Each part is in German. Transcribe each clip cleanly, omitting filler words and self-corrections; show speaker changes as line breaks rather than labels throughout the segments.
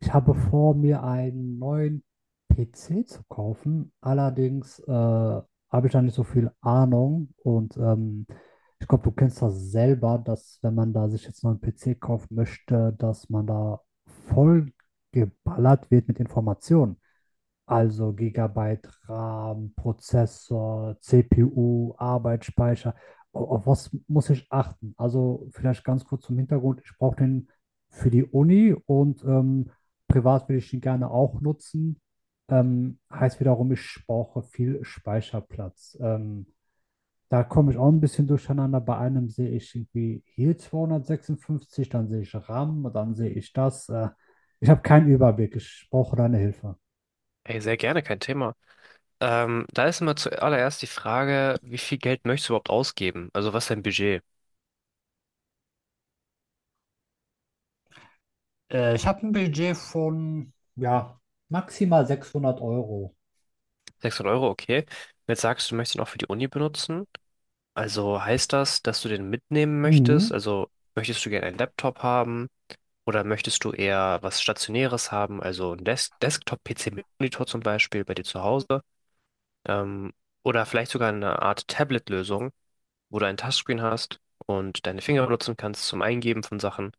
Ich habe vor, mir einen neuen PC zu kaufen. Allerdings habe ich da nicht so viel Ahnung. Und ich glaube, du kennst das selber, dass, wenn man da sich jetzt noch einen neuen PC kaufen möchte, dass man da voll geballert wird mit Informationen. Also Gigabyte RAM, Prozessor, CPU, Arbeitsspeicher. Auf was muss ich achten? Also vielleicht ganz kurz zum Hintergrund. Ich brauche den für die Uni und privat will ich ihn gerne auch nutzen. Heißt wiederum, ich brauche viel Speicherplatz. Da komme ich auch ein bisschen durcheinander. Bei einem sehe ich irgendwie hier 256, dann sehe ich RAM, dann sehe ich das. Ich habe keinen Überblick. Ich brauche deine Hilfe.
Ey, sehr gerne, kein Thema. Da ist immer zuallererst die Frage, wie viel Geld möchtest du überhaupt ausgeben? Also was ist dein Budget?
Ich habe ein Budget von, ja, maximal 600 Euro.
600 Euro, okay. Wenn du Jetzt sagst du, möchtest ihn auch für die Uni benutzen. Also heißt das, dass du den mitnehmen möchtest?
Mhm.
Also möchtest du gerne einen Laptop haben? Oder möchtest du eher was Stationäres haben? Also ein Desktop-PC mit Monitor zum Beispiel bei dir zu Hause? Ähm, oder vielleicht sogar eine Art Tablet-Lösung, wo du ein Touchscreen hast und deine Finger benutzen kannst zum Eingeben von Sachen.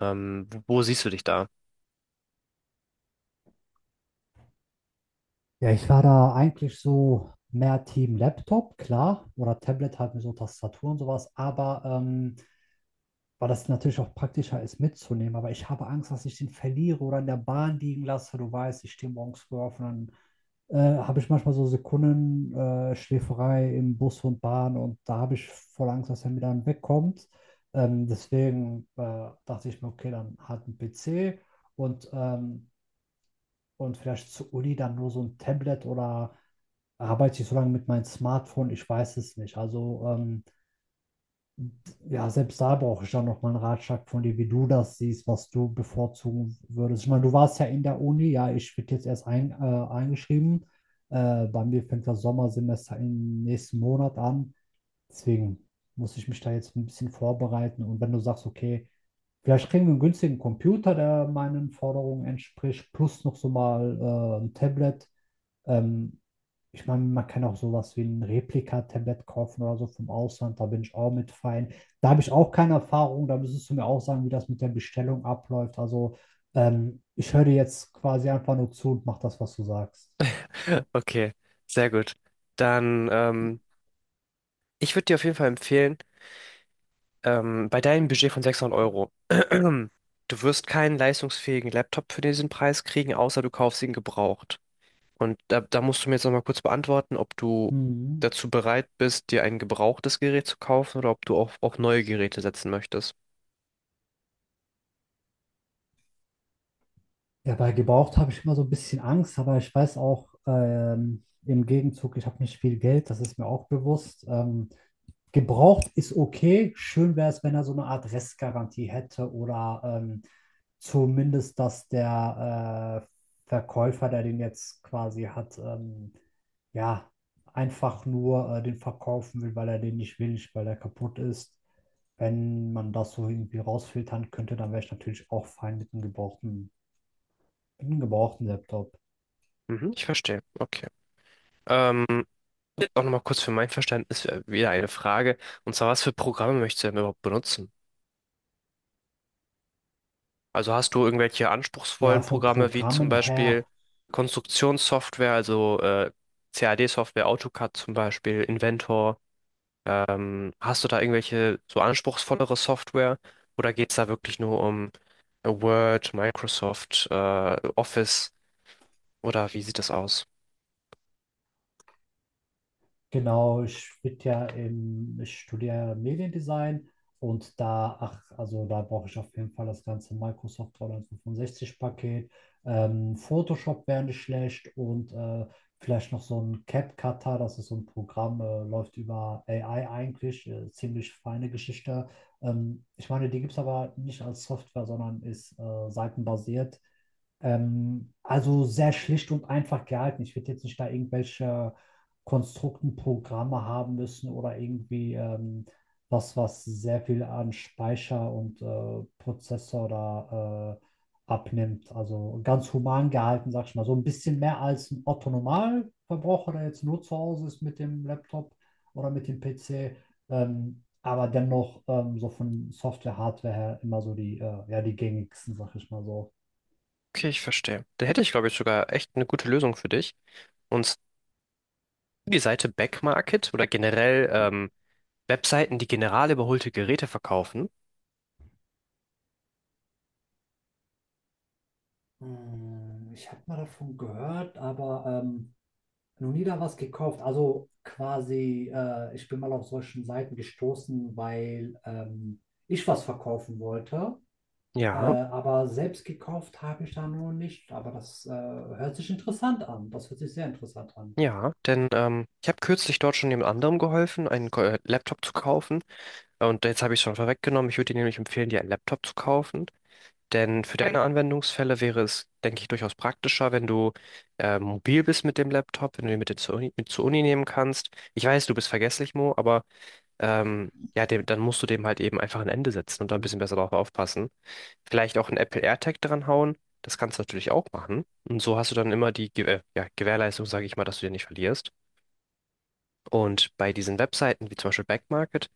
Wo siehst du dich da?
Ja, ich war da eigentlich so mehr Team Laptop, klar, oder Tablet halt mit so Tastatur und sowas, aber weil das natürlich auch praktischer ist mitzunehmen, aber ich habe Angst, dass ich den verliere oder in der Bahn liegen lasse. Du weißt, ich stehe morgens früh auf und dann habe ich manchmal so Sekunden Schläferei im Bus und Bahn, und da habe ich voll Angst, dass er mir dann wegkommt. Deswegen dachte ich mir, okay, dann halt ein PC und, ähm, und vielleicht zur Uni dann nur so ein Tablet, oder arbeite ich so lange mit meinem Smartphone, ich weiß es nicht. Also ja, selbst da brauche ich dann nochmal einen Ratschlag von dir, wie du das siehst, was du bevorzugen würdest. Ich meine, du warst ja in der Uni, ja, ich bin jetzt erst eingeschrieben. Bei mir fängt das Sommersemester im nächsten Monat an. Deswegen muss ich mich da jetzt ein bisschen vorbereiten. Und wenn du sagst, okay, vielleicht kriegen wir einen günstigen Computer, der meinen Forderungen entspricht, plus noch so mal ein Tablet, ähm, ich meine, man kann auch sowas wie ein Replika-Tablet kaufen oder so vom Ausland, da bin ich auch mit fein. Da habe ich auch keine Erfahrung, da müsstest du mir auch sagen, wie das mit der Bestellung abläuft. Also ich höre dir jetzt quasi einfach nur zu und mach das, was du sagst.
Okay, sehr gut. Dann, ich würde dir auf jeden Fall empfehlen, bei deinem Budget von 600 Euro, du wirst keinen leistungsfähigen Laptop für diesen Preis kriegen, außer du kaufst ihn gebraucht. Und da musst du mir jetzt nochmal kurz beantworten, ob du
Mhm.
dazu bereit bist, dir ein gebrauchtes Gerät zu kaufen oder ob du auf neue Geräte setzen möchtest.
Ja, bei gebraucht habe ich immer so ein bisschen Angst, aber ich weiß auch im Gegenzug, ich habe nicht viel Geld, das ist mir auch bewusst. Gebraucht ist okay, schön wäre es, wenn er so eine Art Restgarantie hätte oder zumindest, dass der Verkäufer, der den jetzt quasi hat, ja, einfach nur den verkaufen will, weil er den nicht will, nicht weil er kaputt ist. Wenn man das so irgendwie rausfiltern könnte, dann wäre ich natürlich auch fein mit einem gebrauchten Laptop.
Mhm, ich verstehe. Okay. Ähm, Auch nochmal kurz für mein Verständnis wieder eine Frage. Und zwar, was für Programme möchtest du denn überhaupt benutzen? Also hast du irgendwelche
Ja,
anspruchsvollen
von
Programme wie zum
Programmen her.
Beispiel Konstruktionssoftware, also CAD-Software, AutoCAD zum Beispiel, Inventor? Hast du da irgendwelche so anspruchsvollere Software oder geht es da wirklich nur um Word, Microsoft, Office, oder wie sieht das aus?
Genau, ich bin ja im, ich studiere Mediendesign und da, ach, also da brauche ich auf jeden Fall das ganze Microsoft 365-Paket. Photoshop wäre nicht schlecht und vielleicht noch so ein CapCutter, das ist so ein Programm, läuft über AI eigentlich, ziemlich feine Geschichte. Ich meine, die gibt es aber nicht als Software, sondern ist seitenbasiert. Also sehr schlicht und einfach gehalten. Ich würde jetzt nicht da irgendwelche Konstrukten Programme haben müssen oder irgendwie was, was sehr viel an Speicher und Prozessor da abnimmt. Also ganz human gehalten, sag ich mal. So ein bisschen mehr als ein Otto Normalverbraucher, der jetzt nur zu Hause ist mit dem Laptop oder mit dem PC. Aber dennoch so von Software, Hardware her immer so die, ja, die gängigsten, sag ich mal so.
Okay, ich verstehe. Da hätte ich, glaube ich, sogar echt eine gute Lösung für dich. Und die Seite Backmarket oder generell Webseiten, die generell überholte Geräte verkaufen.
Hm, ich habe mal davon gehört, aber noch nie da was gekauft. Also quasi, ich bin mal auf solchen Seiten gestoßen, weil ich was verkaufen wollte.
Ja,
Aber selbst gekauft habe ich da noch nicht. Aber das hört sich interessant an. Das hört sich sehr interessant an.
ja, denn ich habe kürzlich dort schon jemand anderem geholfen, einen Laptop zu kaufen. Und jetzt habe ich es schon vorweggenommen. Ich würde dir nämlich empfehlen, dir einen Laptop zu kaufen. Denn für deine Anwendungsfälle wäre es, denke ich, durchaus praktischer, wenn du mobil bist mit dem Laptop, wenn du ihn mit dir mit zur Uni nehmen kannst. Ich weiß, du bist vergesslich, Mo, aber ja, dem, dann musst du dem halt eben einfach ein Ende setzen und da ein
Mhm.
bisschen besser drauf aufpassen. Vielleicht auch einen Apple AirTag dran hauen. Das kannst du natürlich auch machen. Und so hast du dann immer die ja, Gewährleistung, sage ich mal, dass du den nicht verlierst. Und bei diesen Webseiten wie zum Beispiel Backmarket,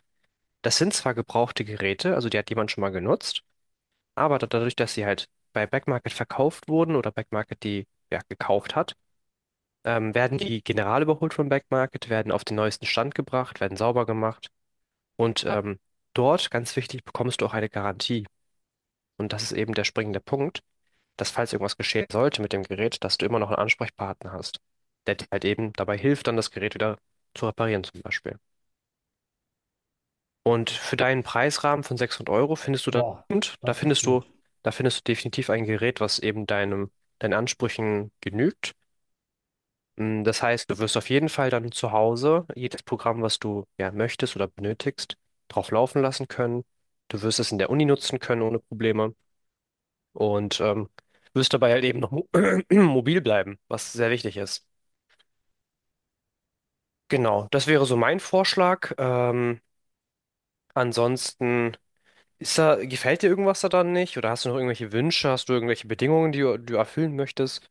das sind zwar gebrauchte Geräte, also die hat jemand schon mal genutzt, aber dadurch, dass sie halt bei Backmarket verkauft wurden oder Backmarket die ja gekauft hat, werden die general überholt von Backmarket, werden auf den neuesten Stand gebracht, werden sauber gemacht, und dort, ganz wichtig, bekommst du auch eine Garantie. Und das ist eben der springende Punkt, dass falls irgendwas geschehen sollte mit dem Gerät, dass du immer noch einen Ansprechpartner hast, der dir halt eben dabei hilft, dann das Gerät wieder zu reparieren zum Beispiel. Und für deinen Preisrahmen von 600 Euro findest du dann
Boah,
und
das ist gut.
da findest du definitiv ein Gerät, was eben deinen Ansprüchen genügt. Das heißt, du wirst auf jeden Fall dann zu Hause jedes Programm, was du ja möchtest oder benötigst, drauf laufen lassen können. Du wirst es in der Uni nutzen können ohne Probleme, und wirst dabei halt eben noch mo mobil bleiben, was sehr wichtig ist. Genau, das wäre so mein Vorschlag. Ansonsten, ist da, gefällt dir irgendwas daran nicht? Oder hast du noch irgendwelche Wünsche? Hast du irgendwelche Bedingungen, die du erfüllen möchtest?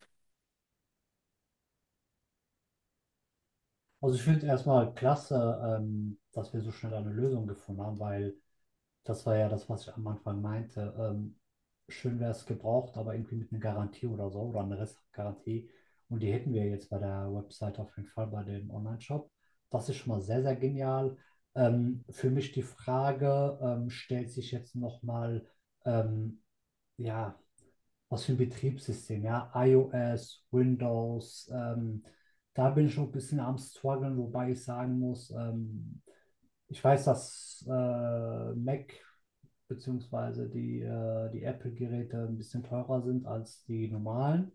Also ich finde es erstmal klasse, dass wir so schnell eine Lösung gefunden haben, weil das war ja das, was ich am Anfang meinte. Schön wäre es gebraucht, aber irgendwie mit einer Garantie oder so oder einer Restgarantie. Und die hätten wir jetzt bei der Website auf jeden Fall, bei dem Online-Shop. Das ist schon mal sehr, sehr genial. Für mich die Frage stellt sich jetzt nochmal, ähm, ja, was für ein Betriebssystem, ja, iOS, Windows. Da bin ich noch ein bisschen am Struggeln, wobei ich sagen muss, ich weiß, dass Mac beziehungsweise die, die Apple-Geräte ein bisschen teurer sind als die normalen.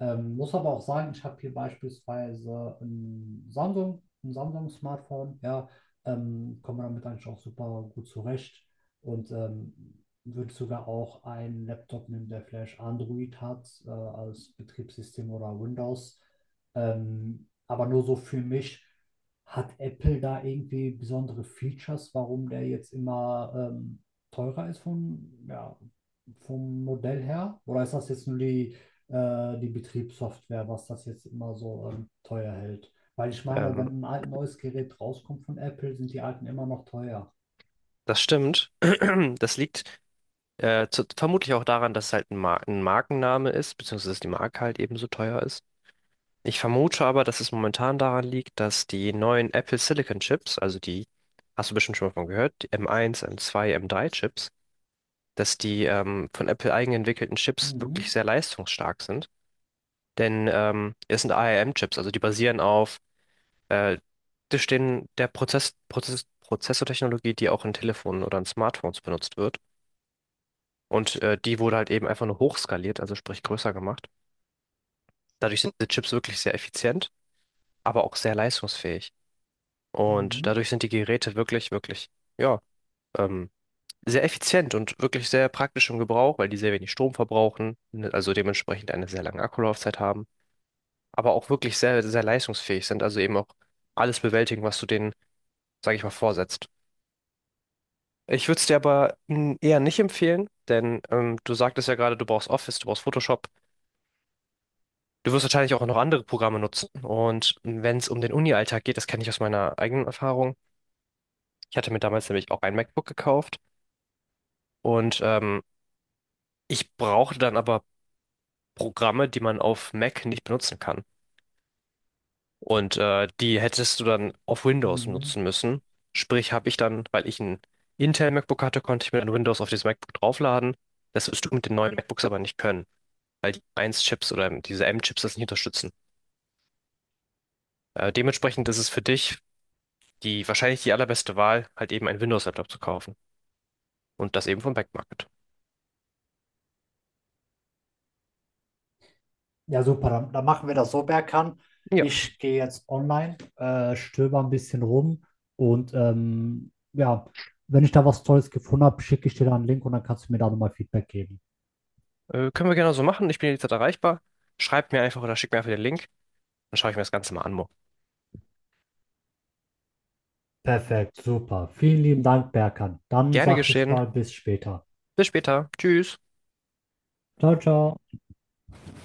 Muss aber auch sagen, ich habe hier beispielsweise ein Samsung, ein Samsung-Smartphone, ja, komme damit eigentlich auch super gut zurecht und würde sogar auch einen Laptop nehmen, der vielleicht Android hat als Betriebssystem oder Windows. Aber nur so für mich, hat Apple da irgendwie besondere Features, warum der jetzt immer teurer ist vom, ja, vom Modell her? Oder ist das jetzt nur die, die Betriebssoftware, was das jetzt immer so teuer hält? Weil ich meine,
Ähm,
wenn ein alt neues Gerät rauskommt von Apple, sind die alten immer noch teuer.
Das stimmt. Das liegt vermutlich auch daran, dass es halt ein Markenname ist, beziehungsweise dass die Marke halt eben so teuer ist. Ich vermute aber, dass es momentan daran liegt, dass die neuen Apple Silicon Chips, also die, hast du bestimmt schon mal von gehört, die M1, M2, M3 Chips, dass die von Apple eigen entwickelten Chips wirklich
Mhm,
sehr leistungsstark sind. Denn es sind ARM-Chips, also die basieren auf Äh, das stehen der Prozessortechnologie, die auch in Telefonen oder in Smartphones benutzt wird. Und die wurde halt eben einfach nur hochskaliert, also sprich größer gemacht. Dadurch sind die Chips wirklich sehr effizient, aber auch sehr leistungsfähig. Und
mhm,
dadurch sind die Geräte wirklich, ja, ähm, sehr effizient und wirklich sehr praktisch im Gebrauch, weil die sehr wenig Strom verbrauchen, ne, also dementsprechend eine sehr lange Akkulaufzeit haben, aber auch wirklich sehr, sehr leistungsfähig sind, also eben auch alles bewältigen, was du denen, sag ich mal, vorsetzt. Ich würde es dir aber eher nicht empfehlen, denn du sagtest ja gerade, du brauchst Office, du brauchst Photoshop. Du wirst wahrscheinlich auch noch andere Programme nutzen. Und wenn es um den Uni-Alltag geht, das kenne ich aus meiner eigenen Erfahrung. Ich hatte mir damals nämlich auch ein MacBook gekauft, und ich brauchte dann aber Programme, die man auf Mac nicht benutzen kann. Und die hättest du dann auf Windows nutzen
mhm.
müssen. Sprich, habe ich dann, weil ich ein Intel MacBook hatte, konnte ich mir dann Windows auf dieses MacBook draufladen. Das wirst du mit den neuen MacBooks aber nicht können, weil die 1-Chips oder diese M-Chips das nicht unterstützen. Dementsprechend ist es für dich die wahrscheinlich die allerbeste Wahl, halt eben einen Windows-Laptop zu kaufen. Und das eben vom Back Market.
Ja, super. Dann machen wir das so, Berkan.
Ja,
Ich gehe jetzt online, stöber ein bisschen rum und ja, wenn ich da was Tolles gefunden habe, schicke ich dir da einen Link und dann kannst du mir da nochmal Feedback geben.
können wir gerne so machen. Ich bin jederzeit erreichbar. Schreibt mir einfach oder schickt mir einfach den Link. Dann schaue ich mir das Ganze mal an, Mo.
Perfekt, super. Vielen lieben Dank, Berkan. Dann
Gerne
sage ich
geschehen.
mal bis später.
Bis später. Tschüss.
Ciao, ciao.